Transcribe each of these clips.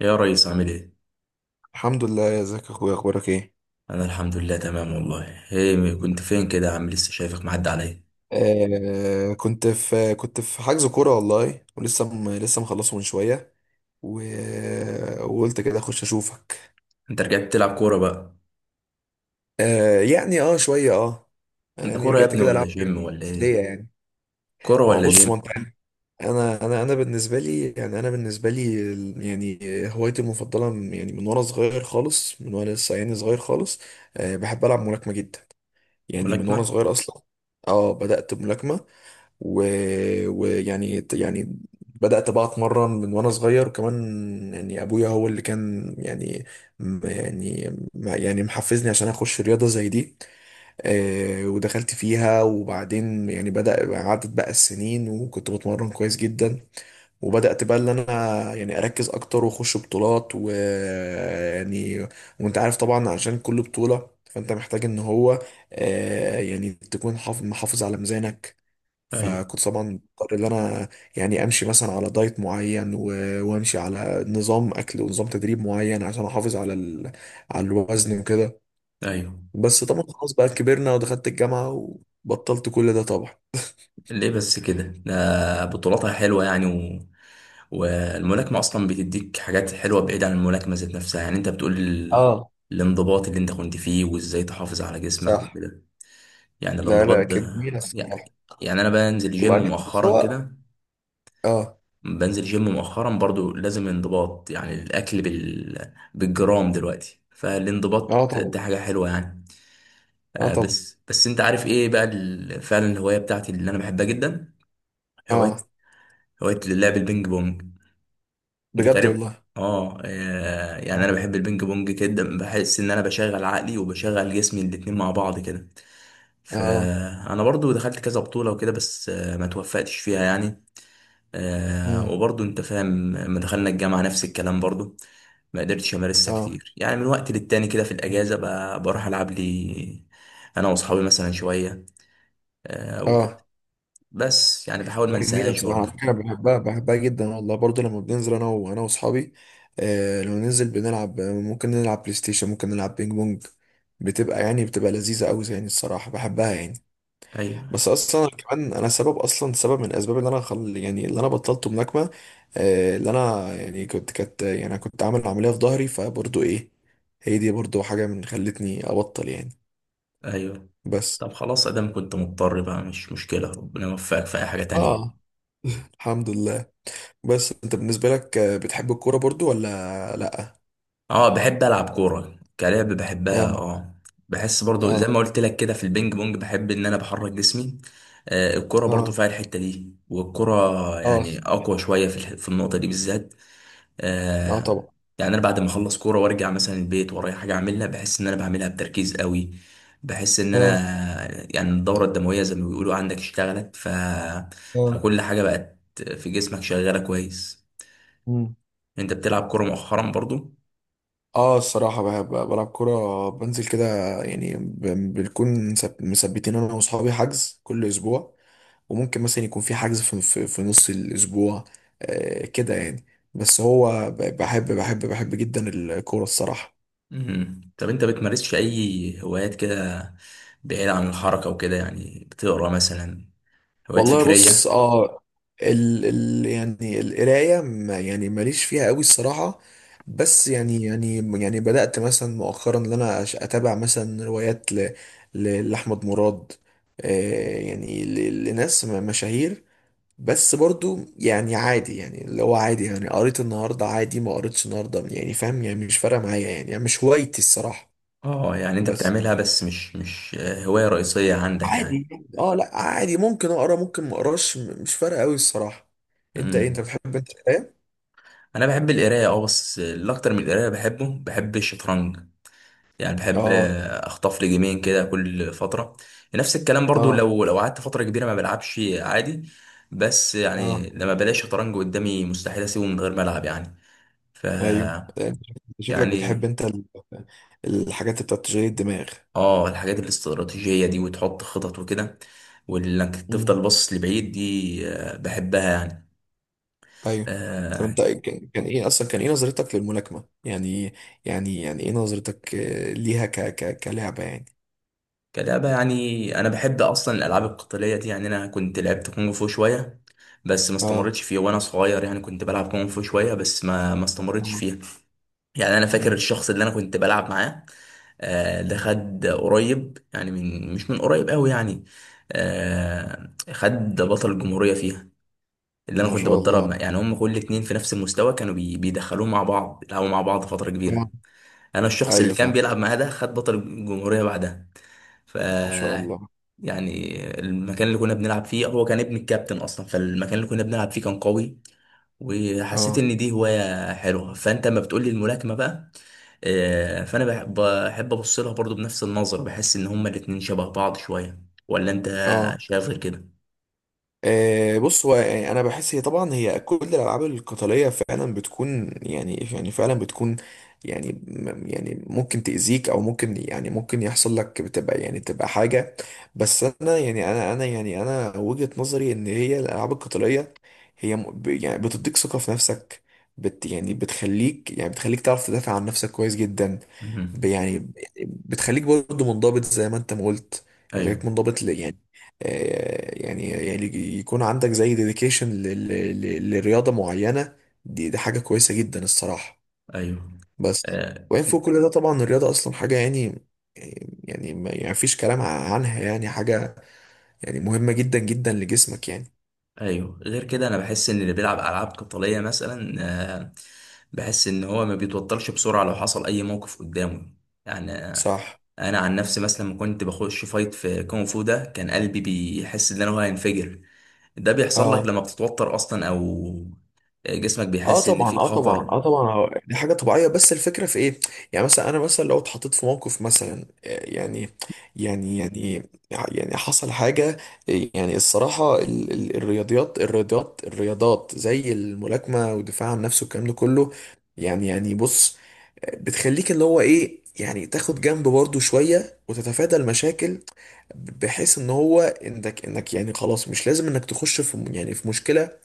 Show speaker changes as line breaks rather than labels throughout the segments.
يا ريس، عامل ايه؟
الحمد لله، يا ازيك يا اخويا؟ اخبارك ايه؟
انا الحمد لله تمام والله. ايه كنت فين كده يا عم؟ لسه شايفك معدي عليا.
كنت في حجز كوره والله، ولسه لسه مخلصه من شويه و... وقلت كده اخش اشوفك.
انت رجعت تلعب كورة بقى؟
آه شويه، اه.
انت
يعني
كورة يا
رجعت
ابني
كده
ولا
العب حاجات.
جيم ولا ايه؟
ليه يعني؟
كورة
ما هو
ولا
بص، ما
جيم؟
انت عارف، انا بالنسبه لي، هوايتي المفضله من وانا صغير خالص، من وانا لسه صغير خالص. بحب العب ملاكمه جدا، يعني من وانا
ملاكمة؟
صغير اصلا. اه، بدات بملاكمه و- ويعني يعني بدأت بقى اتمرن من وانا صغير، وكمان ابويا هو اللي كان محفزني عشان اخش رياضة زي دي. ودخلت فيها، وبعدين بدأ عدت بقى السنين، وكنت بتمرن كويس جدا. وبدأت بقى اللي انا يعني اركز اكتر واخش بطولات، وانت عارف طبعا، عشان كل بطولة فانت محتاج ان هو آه، يعني تكون محافظ على ميزانك.
ايوه،
فكنت طبعا مضطر ان انا امشي مثلا على دايت معين، وامشي على نظام اكل ونظام تدريب معين، عشان احافظ على الوزن وكده.
ايوه.
بس طبعا خلاص بقى كبرنا، ودخلت الجامعة وبطلت كل ده طبعا.
ليه بس كده؟ ده بطولاتها حلوة يعني، والملاكمة اصلا بتديك حاجات حلوة بعيد عن الملاكمة ذات نفسها. يعني انت بتقول
اه.
الانضباط اللي انت كنت فيه، وازاي تحافظ على جسمك
صح.
وكده. يعني
لا
الانضباط
لا، كانت
ده.
جميلة الصراحة.
يعني انا بنزل جيم
وبعدين بس
مؤخرا
هو،
كده.
اه.
بنزل جيم مؤخرا برضو، لازم انضباط، يعني الاكل بالجرام دلوقتي، فالانضباط
اه طبعا.
ده حاجه حلوه يعني.
اه
آه،
طبعا.
بس انت عارف ايه بقى فعلا، الهوايه بتاعتي اللي انا بحبها جدا. هوايه
اه.
هوايه لعب البينج بونج. انت
بجد
تقريبا...
والله.
اه، يعني انا
آه.
بحب البينج بونج جدا، بحس ان انا بشغل عقلي وبشغل جسمي الاتنين مع بعض كده.
اه.
فانا برضو دخلت كذا بطوله وكده، بس ما توفقتش فيها يعني.
امم.
وبرضه انت فاهم، لما دخلنا الجامعة نفس الكلام برضه. ما قدرتش امارسها
اه.
كتير، يعني من وقت للتاني كده، في الاجازة بروح العب لي انا واصحابي مثلا شوية. وكده،
اه.
بس يعني بحاول ما
لا، جميلة
انساهاش
بصراحة. على
برضه.
فكرة بحبها، جدا والله، برضه لما بننزل أنا وأصحابي، آه، لو ننزل بنلعب، ممكن نلعب بلاي ستيشن، ممكن نلعب بينج بونج، بتبقى لذيذة أوي الصراحة، بحبها يعني.
ايوه،
بس أصلا أنا كمان أنا سبب، أصلا من الأسباب اللي أنا بطلت ملاكمة، اللي أنا يعني كنت كانت يعني أنا كنت عامل عملية في ظهري، فبرضه إيه، هي دي برضه حاجة من خلتني أبطل يعني.
ايوه.
بس.
طب خلاص، ادام كنت مضطر بقى مش مشكلة، ربنا يوفقك في اي حاجة تانية.
آه. الحمد لله. بس أنت بالنسبة لك، بتحب الكورة برضه ولا
اه، بحب العب كوره، كلعب بحبها،
لأ؟
اه. بحس برضو زي
اه.
ما قلت لك كده في البينج بونج، بحب ان انا بحرك جسمي. الكوره برضو
اه.
فيها الحته دي، والكوره
اه.
يعني اقوى شويه في النقطه دي بالذات.
اه
آه.
طبعا.
يعني انا بعد ما اخلص كوره وارجع مثلا البيت ورايا حاجه اعملها، بحس ان انا بعملها بتركيز قوي. بحس ان انا...
اه.
يعني الدوره الدمويه زي ما بيقولوا عندك اشتغلت،
اه.
فكل حاجه بقت في جسمك شغاله كويس.
مم.
انت بتلعب كوره مؤخرا برضو؟
اه الصراحة، بحب بلعب كورة، بنزل كده يعني. بنكون مثبتين انا واصحابي حجز كل اسبوع. وممكن مثلا يكون في حجز في نص الاسبوع، آه كده يعني. بس هو بحب جدا الكورة الصراحة.
طب انت بتمارسش اي هوايات كده بعيد عن الحركة وكده، يعني بتقرا مثلا؟ هوايات
والله بص،
فكرية؟
اه، ال ال يعني القرايه ماليش فيها قوي الصراحه. بس يعني بدات مثلا مؤخرا ان انا اتابع مثلا روايات لاحمد مراد، لناس مشاهير. بس برضو يعني عادي، يعني اللي هو عادي، يعني قريت النهارده عادي، ما قريتش النهارده يعني، فاهم يعني؟ مش فارقه معايا، يعني مش هوايتي الصراحه.
اه، يعني انت
بس.
بتعملها بس مش هواية رئيسية عندك يعني.
عادي. اه، لا عادي، ممكن اقرا، ممكن ما اقراش، مش فارقه قوي الصراحه. انت ايه، انت
امم
بتحب انت القرايه؟
انا بحب القراية، اه، بس الاكتر من القراية بحبه، بحب الشطرنج. يعني بحب
اه.
اخطف لي جيمين كده كل فترة. نفس الكلام برضو،
اه.
لو قعدت فترة كبيرة ما بلعبش عادي. بس
اه.
يعني لما بلاقي شطرنج قدامي، مستحيل اسيبه من غير ما العب يعني. ف
ايوه، انت شكلك بتحب
يعني،
انت الحاجات اللي بتاعت تشغيل الدماغ.
اه، الحاجات الاستراتيجية دي وتحط خطط وكده، وانك
امم.
تفضل باصص لبعيد دي، بحبها يعني.
ايوه. طب
آه
انت كان ايه اصلا، كان نظرتك للملاكمه يعني؟ ايه نظرتك ليها، ك كلعبه يعني؟
كلعبة، يعني انا بحب اصلا الالعاب القتالية دي، يعني انا كنت لعبت كونغ فو شوية، بس ما
اه.
استمرتش فيها وانا صغير، يعني كنت بلعب كونغ فو شوية، بس ما استمرتش
اه.
فيها. يعني انا فاكر
امم.
الشخص اللي انا كنت بلعب معاه. ده خد قريب، يعني من، مش من قريب قوي يعني. خد بطل الجمهورية فيها. اللي انا
ما
كنت
شاء
بتدرب
الله.
مع، يعني هم كل اتنين في نفس المستوى كانوا بيدخلوه مع بعض يلعبوا مع بعض فترة كبيرة.
اه.
انا الشخص اللي
ايوه
كان
فاهم.
بيلعب معاه ده، خد بطل الجمهورية بعدها. ف
ما شاء الله.
يعني المكان اللي كنا بنلعب فيه هو كان ابن الكابتن اصلا، فالمكان اللي كنا بنلعب فيه كان قوي. وحسيت
اه.
ان دي هواية حلوة، فانت لما بتقولي الملاكمة بقى، فانا بحب ابص لها برضو بنفس النظر، بحس ان هما الاتنين شبه بعض شوية. ولا انت
اه.
شايف غير كده؟
آه، بص هو يعني، انا بحس هي طبعا، هي كل الالعاب القتاليه فعلا بتكون، فعلا بتكون ممكن تاذيك، او ممكن ممكن يحصل لك، بتبقى يعني تبقى حاجه. بس انا انا وجهه نظري ان هي الالعاب القتاليه، هي م- ب- يعني بتديك ثقه في نفسك. بت يعني بتخليك بتخليك تعرف تدافع عن نفسك كويس جدا. ب-
مهم.
يعني بتخليك برضه منضبط، زي ما انت ما قلت. يعني بتخليك
ايوه،
منضبط. يكون عندك زي ديديكيشن لرياضة معينة. دي حاجة كويسة جدا الصراحة.
ايوه.
بس.
آه،
وين فوق كل ده طبعا الرياضة أصلا حاجة ما فيش كلام عنها يعني، حاجة مهمة جدا جدا لجسمك يعني.
ايوه، غير كده انا بحس ان اللي بيلعب العاب قتاليه مثلا، آه، بحس ان هو ما بيتوترش بسرعه لو حصل اي موقف قدامه. يعني،
صح.
انا عن نفسي مثلا لما كنت بخش فايت في كونغ فو، ده كان قلبي بيحس ان انا هو هينفجر. ده بيحصل لك
اه.
لما بتتوتر اصلا، او جسمك
اه
بيحس ان
طبعا،
في
اه طبعا،
خطر.
اه طبعا. آه دي حاجه طبيعيه، بس الفكره في ايه؟ يعني مثلا انا مثلا لو اتحطيت في موقف مثلا، يعني يعني حصل حاجه، الصراحه ال ال الرياضيات الرياضيات الرياضات زي الملاكمه والدفاع عن نفسه والكلام ده كله، بص، بتخليك اللي هو ايه يعني، تاخد جنب برضه شويه وتتفادى المشاكل. بحيث ان هو انك يعني خلاص، مش لازم انك تخش في مشكله.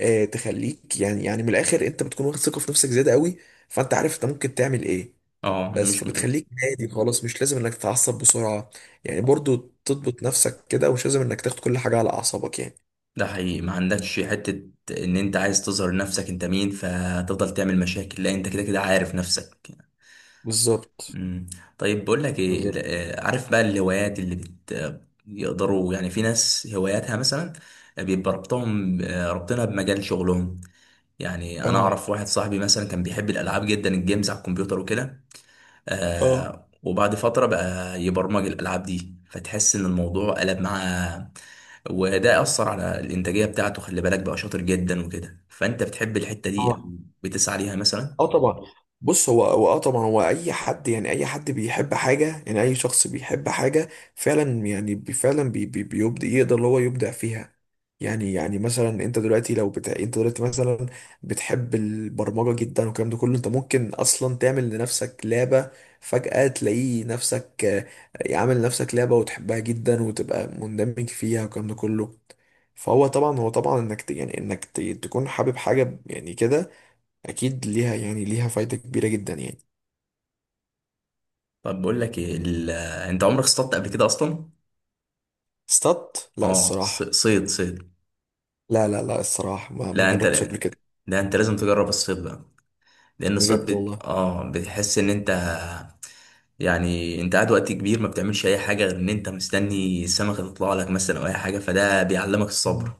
تخليك من الاخر انت بتكون واخد ثقه في نفسك زياده قوي، فانت عارف انت ممكن تعمل ايه.
اه،
بس
مش.
فبتخليك هادي خالص، مش لازم انك تتعصب بسرعه يعني، برضو تضبط نفسك كده، ومش لازم انك تاخد كل حاجه على اعصابك يعني.
ده حقيقي، ما عندكش حته ان انت عايز تظهر نفسك انت مين، فتفضل تعمل مشاكل. لا انت كده كده عارف نفسك.
بالظبط.
مم. طيب، بقول لك ايه
بالظبط.
عارف بقى الهوايات اللي بت آه، يقدروا، يعني في ناس هواياتها مثلا بيبقى ربطهم، ربطنا بمجال شغلهم. يعني انا
اه.
اعرف واحد صاحبي مثلا كان بيحب الالعاب جدا، الجيمز على الكمبيوتر وكده.
اه.
وبعد فترة بقى يبرمج الالعاب دي، فتحس ان الموضوع قلب معاه. وده اثر على الانتاجية بتاعته، خلي بالك بقى شاطر جدا وكده. فانت بتحب الحتة دي او
اه.
بتسعى ليها مثلا؟
اه طبعا. بص هو اه طبعا، هو اي حد يعني، اي حد بيحب حاجه، يعني اي شخص بيحب حاجه فعلا، يعني بي- فعلا بي بي بيبدع، يقدر اللي هو يبدع فيها. مثلا انت دلوقتي لو انت دلوقتي مثلا بتحب البرمجه جدا والكلام ده كله، انت ممكن اصلا تعمل لنفسك لعبه، فجاه تلاقي نفسك عامل لنفسك لعبه، وتحبها جدا، وتبقى مندمج فيها والكلام ده كله. فهو طبعا، هو طبعا انك تكون حابب حاجه يعني كده، اكيد ليها، فايدة كبيرة جدا يعني.
طب، بقول لك إيه انت عمرك اصطدت قبل كده اصلا؟
لا
اه،
الصراحة.
صيد، صيد؟
لا لا لا، الصراحة ما
لا انت
جربتش قبل كده.
لا انت لازم تجرب الصيد بقى. لان الصيد
بجد
بت...
والله.
اه بتحس ان انت... يعني انت قاعد وقت كبير، ما بتعملش اي حاجه غير ان انت مستني السمكه تطلع لك مثلا او اي حاجه، فده بيعلمك
آه.
الصبر.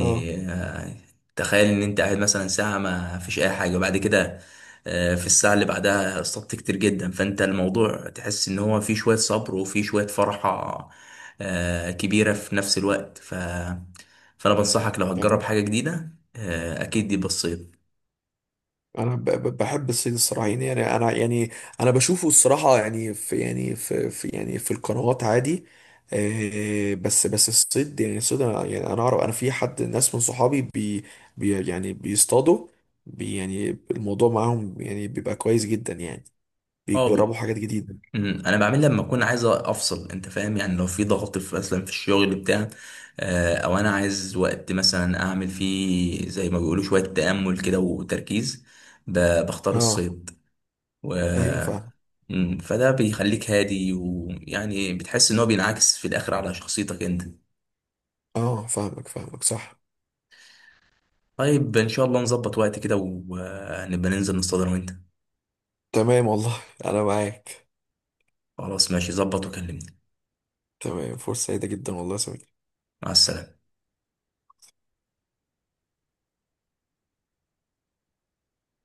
اه
تخيل ان انت قاعد مثلا ساعة ما فيش اي حاجة، وبعد كده في الساعة اللي بعدها اصطدت كتير جدا، فانت الموضوع تحس ان هو فيه شوية صبر وفيه شوية فرحة كبيرة في نفس الوقت. فانا بنصحك لو
يعني
هتجرب حاجة جديدة، اكيد دي بسيط.
انا بحب الصيد الصراحه، انا بشوفه الصراحه في في القنوات عادي. بس الصيد انا اعرف انا في ناس من صحابي بي, بي يعني بيصطادوا، بي يعني الموضوع معاهم يعني بيبقى كويس جدا يعني، بيجربوا حاجات جديده.
انا بعمل لما اكون عايز افصل، انت فاهم؟ يعني لو في ضغط في مثلا في الشغل بتاع، او انا عايز وقت مثلا اعمل فيه زي ما بيقولوا شويه تامل كده وتركيز، بختار
اه
الصيد. و
ايوه فاهم.
فده بيخليك هادي، ويعني بتحس ان هو بينعكس في الاخر على شخصيتك انت.
اه، فاهمك فاهمك، صح.
طيب، ان شاء الله نظبط وقت كده، ونبقى ننزل نصطاد انا وانت.
تمام والله، انا معاك.
خلاص ماشي، ظبط وكلمني.
تمام، فرصة سعيدة جدا والله يا سمير.
مع السلامه.